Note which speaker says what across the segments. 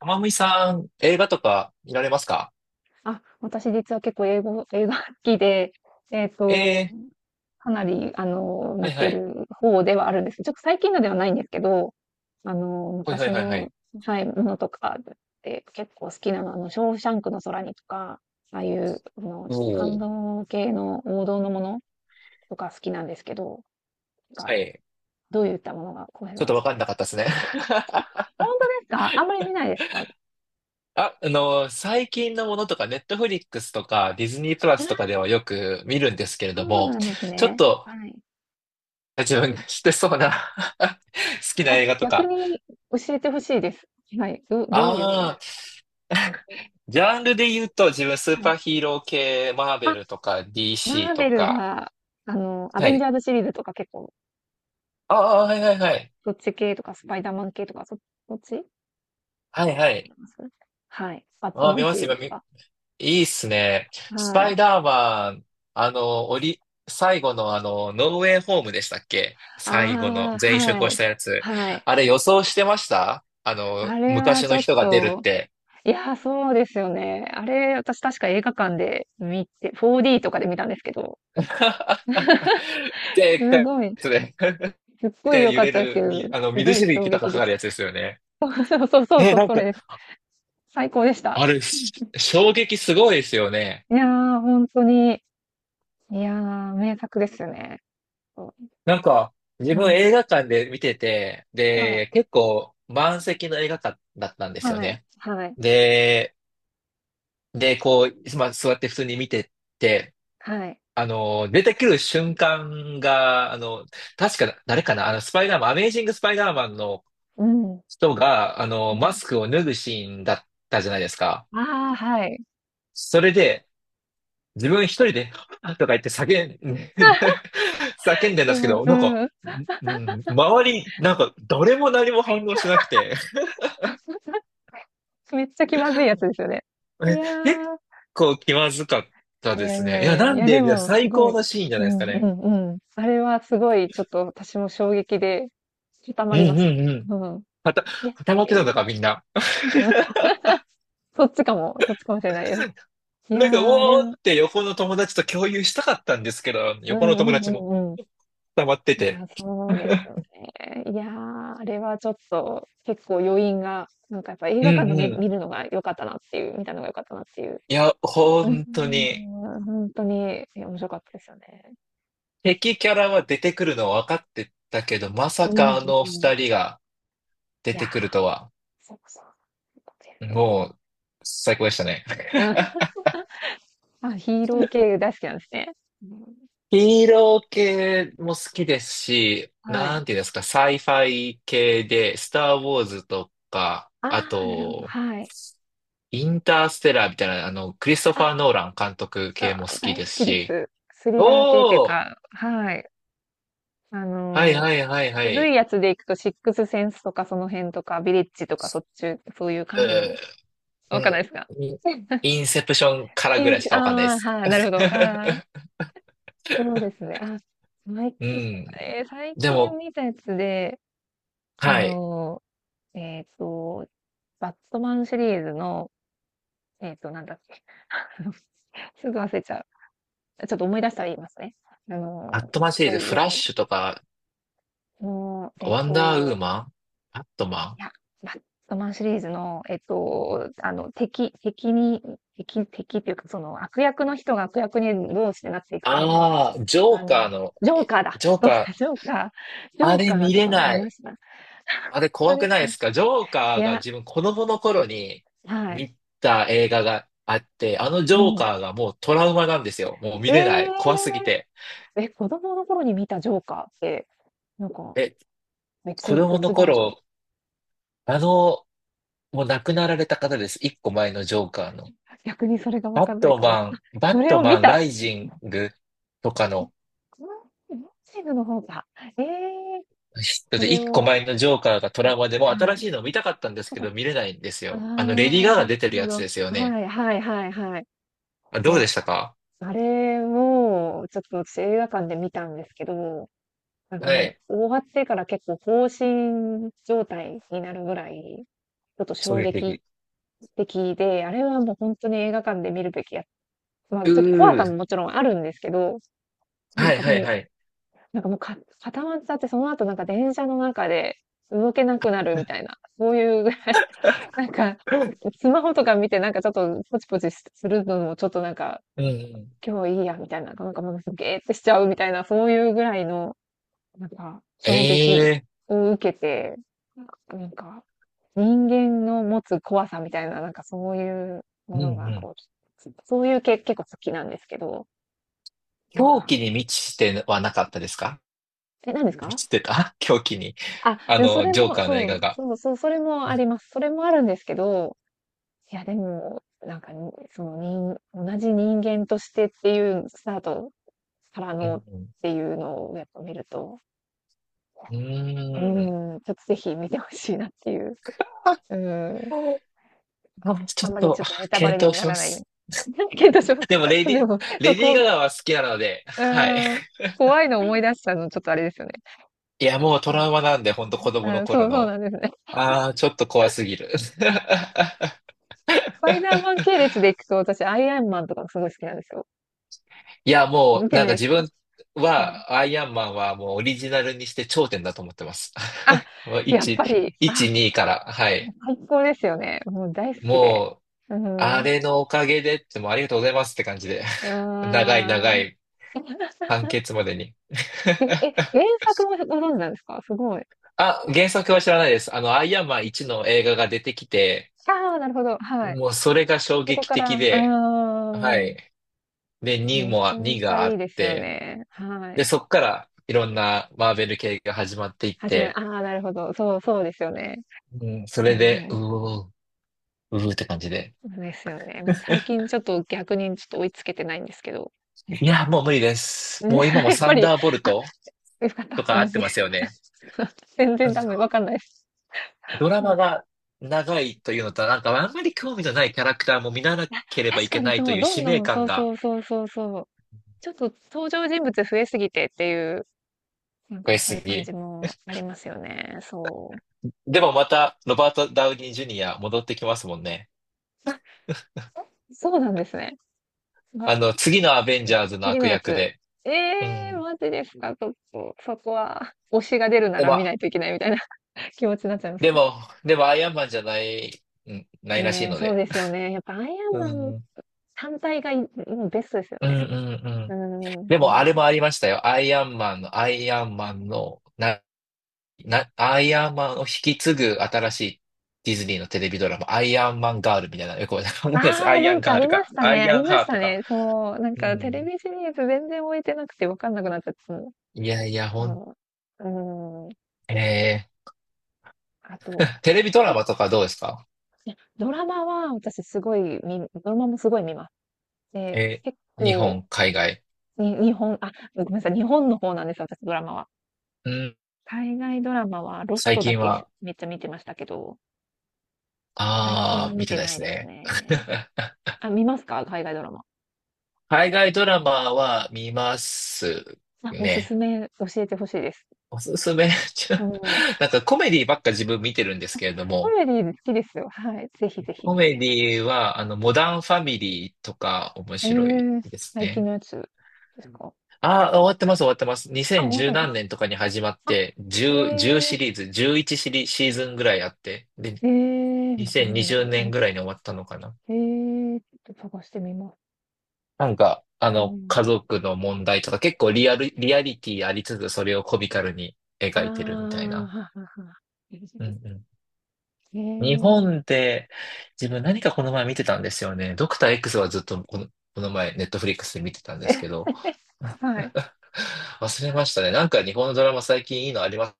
Speaker 1: まむいさん、映画とか見られますか？
Speaker 2: あ、私実は結構英語映画好きで、えっと、
Speaker 1: ええ、
Speaker 2: かなり、
Speaker 1: ー
Speaker 2: 見
Speaker 1: はいは
Speaker 2: て
Speaker 1: い。
Speaker 2: る方ではあるんですけど、ちょっと最近のではないんですけど、
Speaker 1: はいは
Speaker 2: 昔
Speaker 1: いはいは
Speaker 2: の、
Speaker 1: い。
Speaker 2: はい、ものとかで結構好きなのは、ショーシャンクの空にとか、ああいう、
Speaker 1: お
Speaker 2: ちょっと感
Speaker 1: お、
Speaker 2: 動系の王道のものとか好きなんですけど、なん
Speaker 1: は
Speaker 2: か、
Speaker 1: い。
Speaker 2: どういったものが、浩平
Speaker 1: ちょっ
Speaker 2: さん
Speaker 1: と
Speaker 2: 好
Speaker 1: わ
Speaker 2: き
Speaker 1: かん
Speaker 2: ですか？
Speaker 1: なかったですね。
Speaker 2: 本当ですか？あんまり見ないですか？
Speaker 1: あ、最近のものとか、ネットフリックスとか、ディズニープラスと
Speaker 2: あ、
Speaker 1: かではよく見るんですけれど
Speaker 2: そう
Speaker 1: も、
Speaker 2: なんです
Speaker 1: ちょっ
Speaker 2: ね。
Speaker 1: と
Speaker 2: はい。
Speaker 1: 自分が知ってそうな 好きな
Speaker 2: あ、
Speaker 1: 映画と
Speaker 2: 逆
Speaker 1: か。
Speaker 2: に教えてほしいです。はい。どういうや
Speaker 1: ああ、
Speaker 2: る。
Speaker 1: ジャンルで言うと、自分スー
Speaker 2: は
Speaker 1: パ
Speaker 2: い。
Speaker 1: ーヒーロー系、マーベ
Speaker 2: あ、
Speaker 1: ルとか、DC
Speaker 2: マー
Speaker 1: と
Speaker 2: ベル
Speaker 1: か。
Speaker 2: は、ア
Speaker 1: は
Speaker 2: ベンジ
Speaker 1: い。
Speaker 2: ャーズシリーズとか結構、
Speaker 1: ああ、はいはいはい。
Speaker 2: そっち系とか、スパイダーマン系とか、そっち
Speaker 1: はい
Speaker 2: が
Speaker 1: は
Speaker 2: 見ら
Speaker 1: い。
Speaker 2: れます。はい。バット
Speaker 1: ああ、
Speaker 2: マ
Speaker 1: 見
Speaker 2: ン
Speaker 1: ま
Speaker 2: シ
Speaker 1: す、
Speaker 2: リー
Speaker 1: 今、
Speaker 2: ズと
Speaker 1: い
Speaker 2: か。
Speaker 1: いっすね。ス
Speaker 2: は
Speaker 1: パイ
Speaker 2: い。
Speaker 1: ダーマン、あの、おり、最後のノーウェイホームでしたっけ、最後の
Speaker 2: ああ、
Speaker 1: 全員集
Speaker 2: は
Speaker 1: 合し
Speaker 2: い。
Speaker 1: たやつ。
Speaker 2: はい。
Speaker 1: あれ予想してました、
Speaker 2: あれは
Speaker 1: 昔
Speaker 2: ち
Speaker 1: の
Speaker 2: ょっ
Speaker 1: 人が出るっ
Speaker 2: と、
Speaker 1: て。
Speaker 2: いやー、そうですよね。あれ、私確か映画館で見て、4D とかで見たんですけど、
Speaker 1: でっかい
Speaker 2: す
Speaker 1: や
Speaker 2: ごい、
Speaker 1: つで。
Speaker 2: すっごい
Speaker 1: で、
Speaker 2: 良
Speaker 1: 揺
Speaker 2: かっ
Speaker 1: れ
Speaker 2: たですけ
Speaker 1: る
Speaker 2: ど、
Speaker 1: に、
Speaker 2: す
Speaker 1: 水
Speaker 2: ごい
Speaker 1: しぶ
Speaker 2: 衝
Speaker 1: きとか
Speaker 2: 撃
Speaker 1: か
Speaker 2: で
Speaker 1: か
Speaker 2: し
Speaker 1: るや
Speaker 2: た。
Speaker 1: つですよね。
Speaker 2: そうそう
Speaker 1: え、
Speaker 2: そう、
Speaker 1: なん
Speaker 2: そ
Speaker 1: か、
Speaker 2: れ最高でした。
Speaker 1: あれ、し衝撃すごいですよね。
Speaker 2: いやー、本当に。いやー、名作ですよね。そ
Speaker 1: なんか、自
Speaker 2: う。う
Speaker 1: 分
Speaker 2: ん。
Speaker 1: 映画館で見てて、
Speaker 2: はい。
Speaker 1: で、結構満席の映画館だったんですよ
Speaker 2: はい。
Speaker 1: ね。
Speaker 2: はい。
Speaker 1: で、で、まあ、座って普通に見てって、
Speaker 2: はい。
Speaker 1: 出てくる瞬間が、確か、誰かな、スパイダーマン、アメイジングスパイダーマンの
Speaker 2: うん。
Speaker 1: 人が、
Speaker 2: う
Speaker 1: マ
Speaker 2: ん。
Speaker 1: スクを脱ぐシーンだったじゃないですか。
Speaker 2: ああ、はい。
Speaker 1: それで、自分一人で、はぁとか言って叫んでんで
Speaker 2: で
Speaker 1: すけ
Speaker 2: も、
Speaker 1: ど、
Speaker 2: うん。
Speaker 1: うん、周り、誰も何も反応しなくて、
Speaker 2: めっちゃ気まずいやつですよね。い
Speaker 1: え
Speaker 2: や
Speaker 1: 結
Speaker 2: ー、
Speaker 1: 構気まずかっ
Speaker 2: い
Speaker 1: たで
Speaker 2: や
Speaker 1: す
Speaker 2: いや
Speaker 1: ね。いや、
Speaker 2: いや、
Speaker 1: な
Speaker 2: い
Speaker 1: ん
Speaker 2: や、で
Speaker 1: で、いや
Speaker 2: も、す
Speaker 1: 最
Speaker 2: ご
Speaker 1: 高
Speaker 2: い、
Speaker 1: のシーンじゃ
Speaker 2: う
Speaker 1: ないですか
Speaker 2: んう
Speaker 1: ね。
Speaker 2: んうん。あれはすごい、ちょっと私も衝撃で、固ま
Speaker 1: う
Speaker 2: り
Speaker 1: んう
Speaker 2: ます。
Speaker 1: んうん。
Speaker 2: うん。
Speaker 1: はた、
Speaker 2: えっ
Speaker 1: 働
Speaker 2: て
Speaker 1: け
Speaker 2: い
Speaker 1: たの
Speaker 2: う。
Speaker 1: か、みんな。
Speaker 2: うん。そっちかもしれないです。いや
Speaker 1: う
Speaker 2: ー、あれ
Speaker 1: おーっ
Speaker 2: は
Speaker 1: て横の友達と共有したかったんですけど、
Speaker 2: う
Speaker 1: 横の
Speaker 2: んう
Speaker 1: 友
Speaker 2: ん
Speaker 1: 達も
Speaker 2: うんうん。
Speaker 1: 溜まって
Speaker 2: い
Speaker 1: て。
Speaker 2: や、そうですよ ね。いやー、あれはちょっと結構余韻が、なんかやっぱ映
Speaker 1: う
Speaker 2: 画館
Speaker 1: ん
Speaker 2: で
Speaker 1: うん。
Speaker 2: 見るのが良かったなっていう、見たのが良かったなっていう。
Speaker 1: いや、
Speaker 2: うー
Speaker 1: 本当に、
Speaker 2: ん、本当に、いや、面白かったですよね。
Speaker 1: 敵キャラは出てくるのは分かってたけど、まさ
Speaker 2: うん
Speaker 1: かあの
Speaker 2: うん。
Speaker 1: 二人が出
Speaker 2: いや
Speaker 1: て
Speaker 2: ー、
Speaker 1: くるとは、
Speaker 2: そうそう。よくやるよ。
Speaker 1: もう、最高でしたね。
Speaker 2: うん。あ、ヒーロー系大好きなんですね。うん、
Speaker 1: ヒーロー系も好きですし、
Speaker 2: は
Speaker 1: な
Speaker 2: い。
Speaker 1: んていうんですか、サイファイ系で、スター・ウォーズとか、
Speaker 2: あ
Speaker 1: あ
Speaker 2: あ、なるほど、
Speaker 1: と、
Speaker 2: はい。
Speaker 1: インターステラーみたいな、クリストフ
Speaker 2: あ、
Speaker 1: ァー・ノーラン監督系も好
Speaker 2: あ、
Speaker 1: き
Speaker 2: 大
Speaker 1: で
Speaker 2: 好
Speaker 1: す
Speaker 2: きで
Speaker 1: し、
Speaker 2: す。スリラー系っていう
Speaker 1: おー
Speaker 2: か、はい。あ
Speaker 1: はい
Speaker 2: のー、
Speaker 1: はいはいは
Speaker 2: 古い
Speaker 1: い。
Speaker 2: やつで行くと、シックスセンスとかその辺とか、ビレッジとか、そっち、そういう感じの、
Speaker 1: う
Speaker 2: わかんない
Speaker 1: ー
Speaker 2: ですか？
Speaker 1: うん。インセプションから
Speaker 2: イ
Speaker 1: ぐ
Speaker 2: ン
Speaker 1: ら
Speaker 2: ス
Speaker 1: いしかわかんないで
Speaker 2: ああー、
Speaker 1: す。
Speaker 2: はい、なるほど。ああ、そうですね。あ、最
Speaker 1: う
Speaker 2: 近、
Speaker 1: ん。
Speaker 2: 最
Speaker 1: で
Speaker 2: 近
Speaker 1: も、
Speaker 2: 見たやつで、あ
Speaker 1: はい。
Speaker 2: のー、えっと、バットマンシリーズの、なんだっけ、あのすぐ忘れちゃう。ちょっと思い出したら言いますね。
Speaker 1: アットマン
Speaker 2: す
Speaker 1: シリー
Speaker 2: ご
Speaker 1: ズ、
Speaker 2: い
Speaker 1: フ
Speaker 2: よ
Speaker 1: ラッ
Speaker 2: かった。
Speaker 1: シュとか、
Speaker 2: あのーえっ
Speaker 1: ワンダーウー
Speaker 2: と、
Speaker 1: マン、アットマ
Speaker 2: い
Speaker 1: ン。
Speaker 2: や、バットマンシリーズの、敵敵に敵敵っていうか、その、悪役の人が悪役にどうしてなっていくかみたいな、
Speaker 1: ああ、
Speaker 2: ジョーカーだ、
Speaker 1: ジョーカ ー、
Speaker 2: そうだ、ジョ
Speaker 1: あ
Speaker 2: ー
Speaker 1: れ
Speaker 2: カージョーカー
Speaker 1: 見
Speaker 2: と
Speaker 1: れ
Speaker 2: か見
Speaker 1: な
Speaker 2: ま
Speaker 1: い。
Speaker 2: した？
Speaker 1: あれ
Speaker 2: そう
Speaker 1: 怖
Speaker 2: で
Speaker 1: く
Speaker 2: す
Speaker 1: ない
Speaker 2: か。
Speaker 1: ですか？ジョーカ
Speaker 2: い
Speaker 1: ーが、
Speaker 2: や、
Speaker 1: 自分子供の頃に
Speaker 2: はい、
Speaker 1: 見た映画があって、あのジ
Speaker 2: う
Speaker 1: ョーカ
Speaker 2: ん。
Speaker 1: ーがもうトラウマなんですよ。もう
Speaker 2: え
Speaker 1: 見れな
Speaker 2: え！
Speaker 1: い。怖すぎて。
Speaker 2: え、子供の頃に見たジョーカーって、なんか、
Speaker 1: え、子供の
Speaker 2: 別バージョン？
Speaker 1: 頃、あの、もう亡くなられた方です。一個前のジョーカーの。
Speaker 2: 逆にそれがわかんないかもしれない。
Speaker 1: バ
Speaker 2: そ
Speaker 1: ッ
Speaker 2: れ
Speaker 1: ト
Speaker 2: を
Speaker 1: マ
Speaker 2: 見
Speaker 1: ンラ
Speaker 2: た。
Speaker 1: イジングとか
Speaker 2: うん、
Speaker 1: の、
Speaker 2: このボクシングの方が、ええ、
Speaker 1: だっ
Speaker 2: そ
Speaker 1: て
Speaker 2: れ
Speaker 1: 一個
Speaker 2: を。
Speaker 1: 前のジョーカーがトラウマで、もう
Speaker 2: は
Speaker 1: 新
Speaker 2: い。
Speaker 1: しいの見たかったんですけど見れないんです
Speaker 2: ああ、
Speaker 1: よ。あのレディ
Speaker 2: な
Speaker 1: ー・
Speaker 2: る
Speaker 1: ガガ
Speaker 2: ほど
Speaker 1: 出て
Speaker 2: な
Speaker 1: る
Speaker 2: るほ
Speaker 1: やつですよ
Speaker 2: ど。
Speaker 1: ね。
Speaker 2: はいはいはいはい。
Speaker 1: あ、
Speaker 2: い
Speaker 1: どうで
Speaker 2: や、
Speaker 1: したか？
Speaker 2: あれも、ちょっと私映画館で見たんですけど、なんか
Speaker 1: は
Speaker 2: もう
Speaker 1: い。
Speaker 2: 終わってから結構放心状態になるぐらい、ちょっと
Speaker 1: 衝
Speaker 2: 衝
Speaker 1: 撃
Speaker 2: 撃
Speaker 1: 的。
Speaker 2: 的で、あれはもう本当に映画館で見るべきや。まあ
Speaker 1: う
Speaker 2: ちょっと怖さも
Speaker 1: ー。
Speaker 2: もちろんあるんですけど、なん
Speaker 1: はい
Speaker 2: か
Speaker 1: はい
Speaker 2: もう、
Speaker 1: はい。
Speaker 2: なんかもうか固まっちゃって、その後なんか電車の中で動けなくなるみたいな、そういうなんか、スマホとか見てなんかちょっとポチポチするのもちょっとなんか、
Speaker 1: うんうん。
Speaker 2: 今日いいやみたいな、なんかもうすげーってしちゃうみたいな、そういうぐらいの、なんか、衝撃
Speaker 1: ええ
Speaker 2: を受けて、なんか、人間の持つ怖さみたいな、なんかそういう
Speaker 1: う
Speaker 2: も
Speaker 1: んう
Speaker 2: のが
Speaker 1: ん。
Speaker 2: こう、そういう系結構好きなんですけど、なん
Speaker 1: 狂
Speaker 2: か、
Speaker 1: 気に満ちてはなかったですか？
Speaker 2: え、何です
Speaker 1: 満
Speaker 2: か？
Speaker 1: ちてた 狂気に。
Speaker 2: あ、
Speaker 1: あ
Speaker 2: でもそ
Speaker 1: の、
Speaker 2: れ
Speaker 1: ジョー
Speaker 2: も、
Speaker 1: カーの映
Speaker 2: そう、
Speaker 1: 画が。
Speaker 2: そうそう、それも
Speaker 1: う
Speaker 2: あります。それもあるんですけど、いや、でも、なんか、にその、同じ人間としてっていうスタートからのっ
Speaker 1: ん
Speaker 2: ていうのをやっぱ見ると、
Speaker 1: うん。
Speaker 2: う
Speaker 1: うーん。
Speaker 2: ーん、ちょっとぜひ見てほしいなっていう。うーん。
Speaker 1: あち
Speaker 2: あ
Speaker 1: ょ
Speaker 2: ん
Speaker 1: っ
Speaker 2: まりち
Speaker 1: と、
Speaker 2: ょっとネタバレ
Speaker 1: 検
Speaker 2: に
Speaker 1: 討
Speaker 2: な
Speaker 1: しま
Speaker 2: らないよう
Speaker 1: す。
Speaker 2: に。だけど、そう、
Speaker 1: でも、
Speaker 2: そうでも、そ
Speaker 1: レ
Speaker 2: う、
Speaker 1: ディ
Speaker 2: こ
Speaker 1: ー・
Speaker 2: う、
Speaker 1: ガガ
Speaker 2: こ
Speaker 1: は好きなので、
Speaker 2: う
Speaker 1: はい。
Speaker 2: ーん、怖いの思い出したのちょっとあれですよね。
Speaker 1: いや、もうト
Speaker 2: はいは
Speaker 1: ラウマなんで、ほんと
Speaker 2: い、
Speaker 1: 子供
Speaker 2: う
Speaker 1: の
Speaker 2: ん。そ
Speaker 1: 頃
Speaker 2: うそう
Speaker 1: の。
Speaker 2: なんですね。
Speaker 1: ああ、ちょっと怖すぎる。
Speaker 2: スパイダーマン系列でいくと、私アイアンマンとかすごい好きなんですよ。
Speaker 1: いや、も
Speaker 2: 見
Speaker 1: う、
Speaker 2: て
Speaker 1: なん
Speaker 2: な
Speaker 1: か
Speaker 2: いです
Speaker 1: 自
Speaker 2: か？
Speaker 1: 分
Speaker 2: はい。
Speaker 1: は、アイアンマンはもうオリジナルにして頂点だと思ってます。
Speaker 2: あ、
Speaker 1: もう
Speaker 2: やっ
Speaker 1: 1、
Speaker 2: ぱり、
Speaker 1: 1、
Speaker 2: あ
Speaker 1: 2から、はい。
Speaker 2: 最高ですよね。もう大好きで。
Speaker 1: もう、
Speaker 2: う
Speaker 1: あ
Speaker 2: ん。
Speaker 1: れのおかげでって、もうありがとうございますって感じで。
Speaker 2: う
Speaker 1: 長い長
Speaker 2: ーん。
Speaker 1: い完 結までに。
Speaker 2: え、え、原作もご存知なんですか？すごい。
Speaker 1: あ、原作は知らないです。あの、アイアンマン1の映画が出てきて、
Speaker 2: ああ、なるほど、はい。
Speaker 1: もうそれが衝
Speaker 2: そこ
Speaker 1: 撃
Speaker 2: から
Speaker 1: 的
Speaker 2: う
Speaker 1: で、は
Speaker 2: ーん。
Speaker 1: い。で、2
Speaker 2: めち
Speaker 1: も、
Speaker 2: ゃめ
Speaker 1: 2
Speaker 2: ちゃ
Speaker 1: があ
Speaker 2: いい
Speaker 1: っ
Speaker 2: ですよ
Speaker 1: て、
Speaker 2: ね。は
Speaker 1: で、
Speaker 2: い。
Speaker 1: そっからいろんなマーベル系が始まっていっ
Speaker 2: 始まりあ
Speaker 1: て、
Speaker 2: あ、なるほど。そう、そうですよね。
Speaker 1: うん、そ
Speaker 2: い
Speaker 1: れ
Speaker 2: や、
Speaker 1: で、
Speaker 2: も
Speaker 1: うーって感じで。
Speaker 2: う、そうですよね。もう最近ちょっと逆にちょっと追いつけてないんですけど。
Speaker 1: いや、もう無理です。
Speaker 2: ね
Speaker 1: もう今 も
Speaker 2: やっ
Speaker 1: サ
Speaker 2: ぱ
Speaker 1: ン
Speaker 2: り、
Speaker 1: ダーボル
Speaker 2: あ、
Speaker 1: ト
Speaker 2: よかっ
Speaker 1: と
Speaker 2: た、
Speaker 1: か合
Speaker 2: 同
Speaker 1: って
Speaker 2: じ。
Speaker 1: ますよね。
Speaker 2: 全
Speaker 1: あ
Speaker 2: 然
Speaker 1: の
Speaker 2: ダメ。わかんないです。
Speaker 1: ドラマが長いというのと、なんかあんまり興味のないキャラクターも見なければい
Speaker 2: 確か
Speaker 1: け
Speaker 2: に
Speaker 1: ない
Speaker 2: そ
Speaker 1: と
Speaker 2: う、
Speaker 1: いう
Speaker 2: どん
Speaker 1: 使命
Speaker 2: どん、そ
Speaker 1: 感
Speaker 2: うそ
Speaker 1: が
Speaker 2: うそうそうそう。ちょっと登場人物増えすぎてっていう、なん
Speaker 1: 増え
Speaker 2: かそう
Speaker 1: す
Speaker 2: いう感
Speaker 1: ぎ。
Speaker 2: じもありますよね。そ
Speaker 1: でもまた、ロバート・ダウニー・ジュニア戻ってきますもんね。
Speaker 2: う。あ、そうなんですね。あ、
Speaker 1: あの、次のアベンジャーズの
Speaker 2: 次の
Speaker 1: 悪
Speaker 2: や
Speaker 1: 役
Speaker 2: つ。
Speaker 1: で。
Speaker 2: え
Speaker 1: う
Speaker 2: えー、
Speaker 1: ん。
Speaker 2: マジですか、ちょっと、そこは、推しが出るな
Speaker 1: で
Speaker 2: ら
Speaker 1: も、
Speaker 2: 見ないといけないみたいな 気持ちになっちゃいます
Speaker 1: で
Speaker 2: ね。
Speaker 1: も、でも、アイアンマンじゃない、うん、ないらしい
Speaker 2: ねえ、
Speaker 1: の
Speaker 2: そう
Speaker 1: で。
Speaker 2: ですよね。やっぱアイアン
Speaker 1: う
Speaker 2: マン
Speaker 1: ん、うん、
Speaker 2: 単体がうんベストですよ
Speaker 1: うん、
Speaker 2: ね。
Speaker 1: う
Speaker 2: う
Speaker 1: ん。
Speaker 2: ん、
Speaker 1: でも、あれもありましたよ。アイアンマンを引き継ぐ新しいディズニーのテレビドラマ、アイアンマンガールみたいな、よくわかんないです。
Speaker 2: あ
Speaker 1: ア
Speaker 2: あ、
Speaker 1: イ
Speaker 2: な
Speaker 1: アン
Speaker 2: んか
Speaker 1: ガ
Speaker 2: あ
Speaker 1: ー
Speaker 2: り
Speaker 1: ル
Speaker 2: まし
Speaker 1: か、
Speaker 2: た
Speaker 1: ア
Speaker 2: ね。
Speaker 1: イ
Speaker 2: あ
Speaker 1: ア
Speaker 2: り
Speaker 1: ン
Speaker 2: ま
Speaker 1: ハ
Speaker 2: し
Speaker 1: ート
Speaker 2: た
Speaker 1: か。
Speaker 2: ね。そう。なん
Speaker 1: う
Speaker 2: かテレ
Speaker 1: ん。
Speaker 2: ビシリーズ全然置いてなくてわかんなくなっちゃって、その、
Speaker 1: いやいや、
Speaker 2: そのうーん。
Speaker 1: え
Speaker 2: あと、
Speaker 1: ー、テレビド
Speaker 2: ど
Speaker 1: ラ
Speaker 2: っ
Speaker 1: マとかどうですか？
Speaker 2: ちドラマは私すごいドラマもすごい見ます。で、
Speaker 1: え
Speaker 2: 結
Speaker 1: ー、日
Speaker 2: 構、
Speaker 1: 本、海外。
Speaker 2: 日本、あ、ごめんなさい、日本の方なんですよ、私ドラマは。
Speaker 1: うん、
Speaker 2: 海外ドラマはロス
Speaker 1: 最
Speaker 2: トだ
Speaker 1: 近
Speaker 2: け
Speaker 1: は、
Speaker 2: めっちゃ見てましたけど、最近は
Speaker 1: あー、
Speaker 2: 見
Speaker 1: 見て
Speaker 2: て
Speaker 1: ないで
Speaker 2: ない
Speaker 1: す
Speaker 2: です
Speaker 1: ね。
Speaker 2: ね。あ、見ますか海外ドラマ。
Speaker 1: 海外ドラマは見ます
Speaker 2: あ、おすす
Speaker 1: ね。
Speaker 2: め教えてほしいです。
Speaker 1: おすすめ、ちょ、
Speaker 2: うん。
Speaker 1: なんかコメディばっか自分見てるんですけれど
Speaker 2: コ
Speaker 1: も、
Speaker 2: メディ好きですよ。はい。ぜひぜひ。
Speaker 1: コメディは、モダンファミリーとか面
Speaker 2: え
Speaker 1: 白い
Speaker 2: え、
Speaker 1: です
Speaker 2: 最近
Speaker 1: ね。
Speaker 2: のやつでうすん。か？
Speaker 1: ああ、終わってます、終わってます。
Speaker 2: あ、終わった
Speaker 1: 2010
Speaker 2: ね。
Speaker 1: 何年とかに始まっ
Speaker 2: あ、
Speaker 1: て、10
Speaker 2: え
Speaker 1: シ
Speaker 2: え、
Speaker 1: リーズ、11シリ、シーズンぐらいあって、で、
Speaker 2: ーえ、また飲んで
Speaker 1: 2020
Speaker 2: る。
Speaker 1: 年
Speaker 2: あ、
Speaker 1: ぐらいに終わったのかな。
Speaker 2: ええ、ちょっと探してみます。
Speaker 1: なんか、
Speaker 2: う
Speaker 1: 家
Speaker 2: ん。
Speaker 1: 族の問題とか結構リアリティありつつ、それをコミカルに
Speaker 2: ああ、
Speaker 1: 描いてるみたい
Speaker 2: は
Speaker 1: な。
Speaker 2: はは。いいです
Speaker 1: うん
Speaker 2: けど。
Speaker 1: うん日
Speaker 2: え
Speaker 1: 本で自分何かこの前見てたんですよね。ドクター X はずっとこの、この前ネットフリックスで見てたんで
Speaker 2: え。
Speaker 1: す
Speaker 2: え
Speaker 1: けど、
Speaker 2: はい。
Speaker 1: 忘れましたね。なんか日本のドラマ最近いいのあります？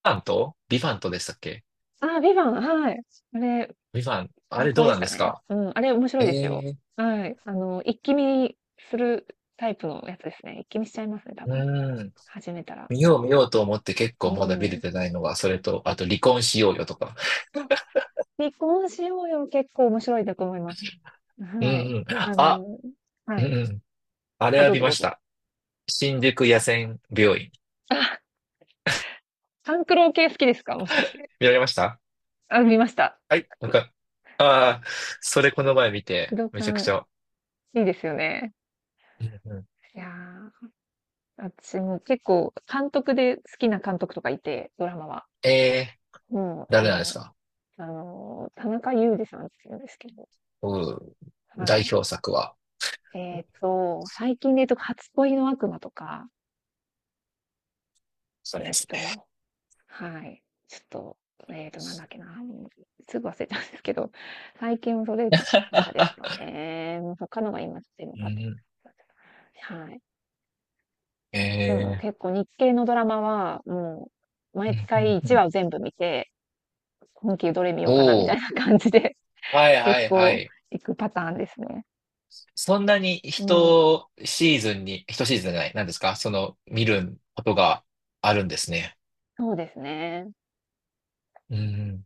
Speaker 1: ビバントでしたっけ？
Speaker 2: あ、ビバン、はい。あれ、
Speaker 1: ビバン。あ
Speaker 2: 最
Speaker 1: れ
Speaker 2: 高
Speaker 1: どう
Speaker 2: で
Speaker 1: な
Speaker 2: し
Speaker 1: んで
Speaker 2: た
Speaker 1: す
Speaker 2: ね。
Speaker 1: か？
Speaker 2: うん、あれ面白い
Speaker 1: え
Speaker 2: ですよ。
Speaker 1: えー
Speaker 2: はい。一気見するタイプのやつですね。一気見しちゃいますね、多
Speaker 1: う
Speaker 2: 分。
Speaker 1: ーん。
Speaker 2: 始めたら。
Speaker 1: 見よう見ようと思って結
Speaker 2: う
Speaker 1: 構まだ見れ
Speaker 2: ん。
Speaker 1: てないのが、それと、あと離婚しようよとか。
Speaker 2: 離婚しようよ、結構面白いんだと思います。
Speaker 1: うん
Speaker 2: はい。
Speaker 1: うん。
Speaker 2: あ
Speaker 1: あ、
Speaker 2: の、は
Speaker 1: うんう
Speaker 2: い。
Speaker 1: ん。あれ
Speaker 2: あ、
Speaker 1: は
Speaker 2: どう
Speaker 1: 見
Speaker 2: ぞ
Speaker 1: ま
Speaker 2: どう
Speaker 1: し
Speaker 2: ぞ。
Speaker 1: た。新宿野戦病院。
Speaker 2: あ、勘九郎系好きですか？もしかして。
Speaker 1: 見られました？
Speaker 2: あ、見ました。
Speaker 1: はい、なんか、ああ、それこの前見
Speaker 2: 資
Speaker 1: て、
Speaker 2: 料
Speaker 1: めちゃく
Speaker 2: 館、
Speaker 1: ちゃ。
Speaker 2: いいですよね。
Speaker 1: うんうん、
Speaker 2: いやー、私も結構監督で好きな監督とかいて、ドラマは。
Speaker 1: えー、
Speaker 2: もう、
Speaker 1: 誰なんですか？
Speaker 2: 田中裕二さんって言うんですけど、
Speaker 1: うん、
Speaker 2: は
Speaker 1: 代
Speaker 2: い。
Speaker 1: 表作は。
Speaker 2: えっと、最近で言うと初恋の悪魔とか、
Speaker 1: それ
Speaker 2: え
Speaker 1: で
Speaker 2: っ
Speaker 1: すね。
Speaker 2: とはい。ちょっと、えーと、なんだっけな、ん、すぐ忘れちゃうんですけど、最近それとかですか ね。他のが今ちょっと
Speaker 1: う
Speaker 2: パッ
Speaker 1: ん
Speaker 2: て
Speaker 1: う
Speaker 2: はい。
Speaker 1: ん、
Speaker 2: でも
Speaker 1: え
Speaker 2: 結構日系のドラマは、もう毎
Speaker 1: ー、うん
Speaker 2: 回
Speaker 1: うんう
Speaker 2: 1
Speaker 1: ん、
Speaker 2: 話を全部見て、今期どれ見よ
Speaker 1: お
Speaker 2: うかなみたい
Speaker 1: お、
Speaker 2: な感じで、
Speaker 1: はい は
Speaker 2: 結
Speaker 1: いは
Speaker 2: 構
Speaker 1: い。
Speaker 2: 行くパターンですね。
Speaker 1: そんなに
Speaker 2: うん、
Speaker 1: 一シーズンに、一シーズンじゃない、なんですかその、見ることがあるんですね。
Speaker 2: そうですね。
Speaker 1: うん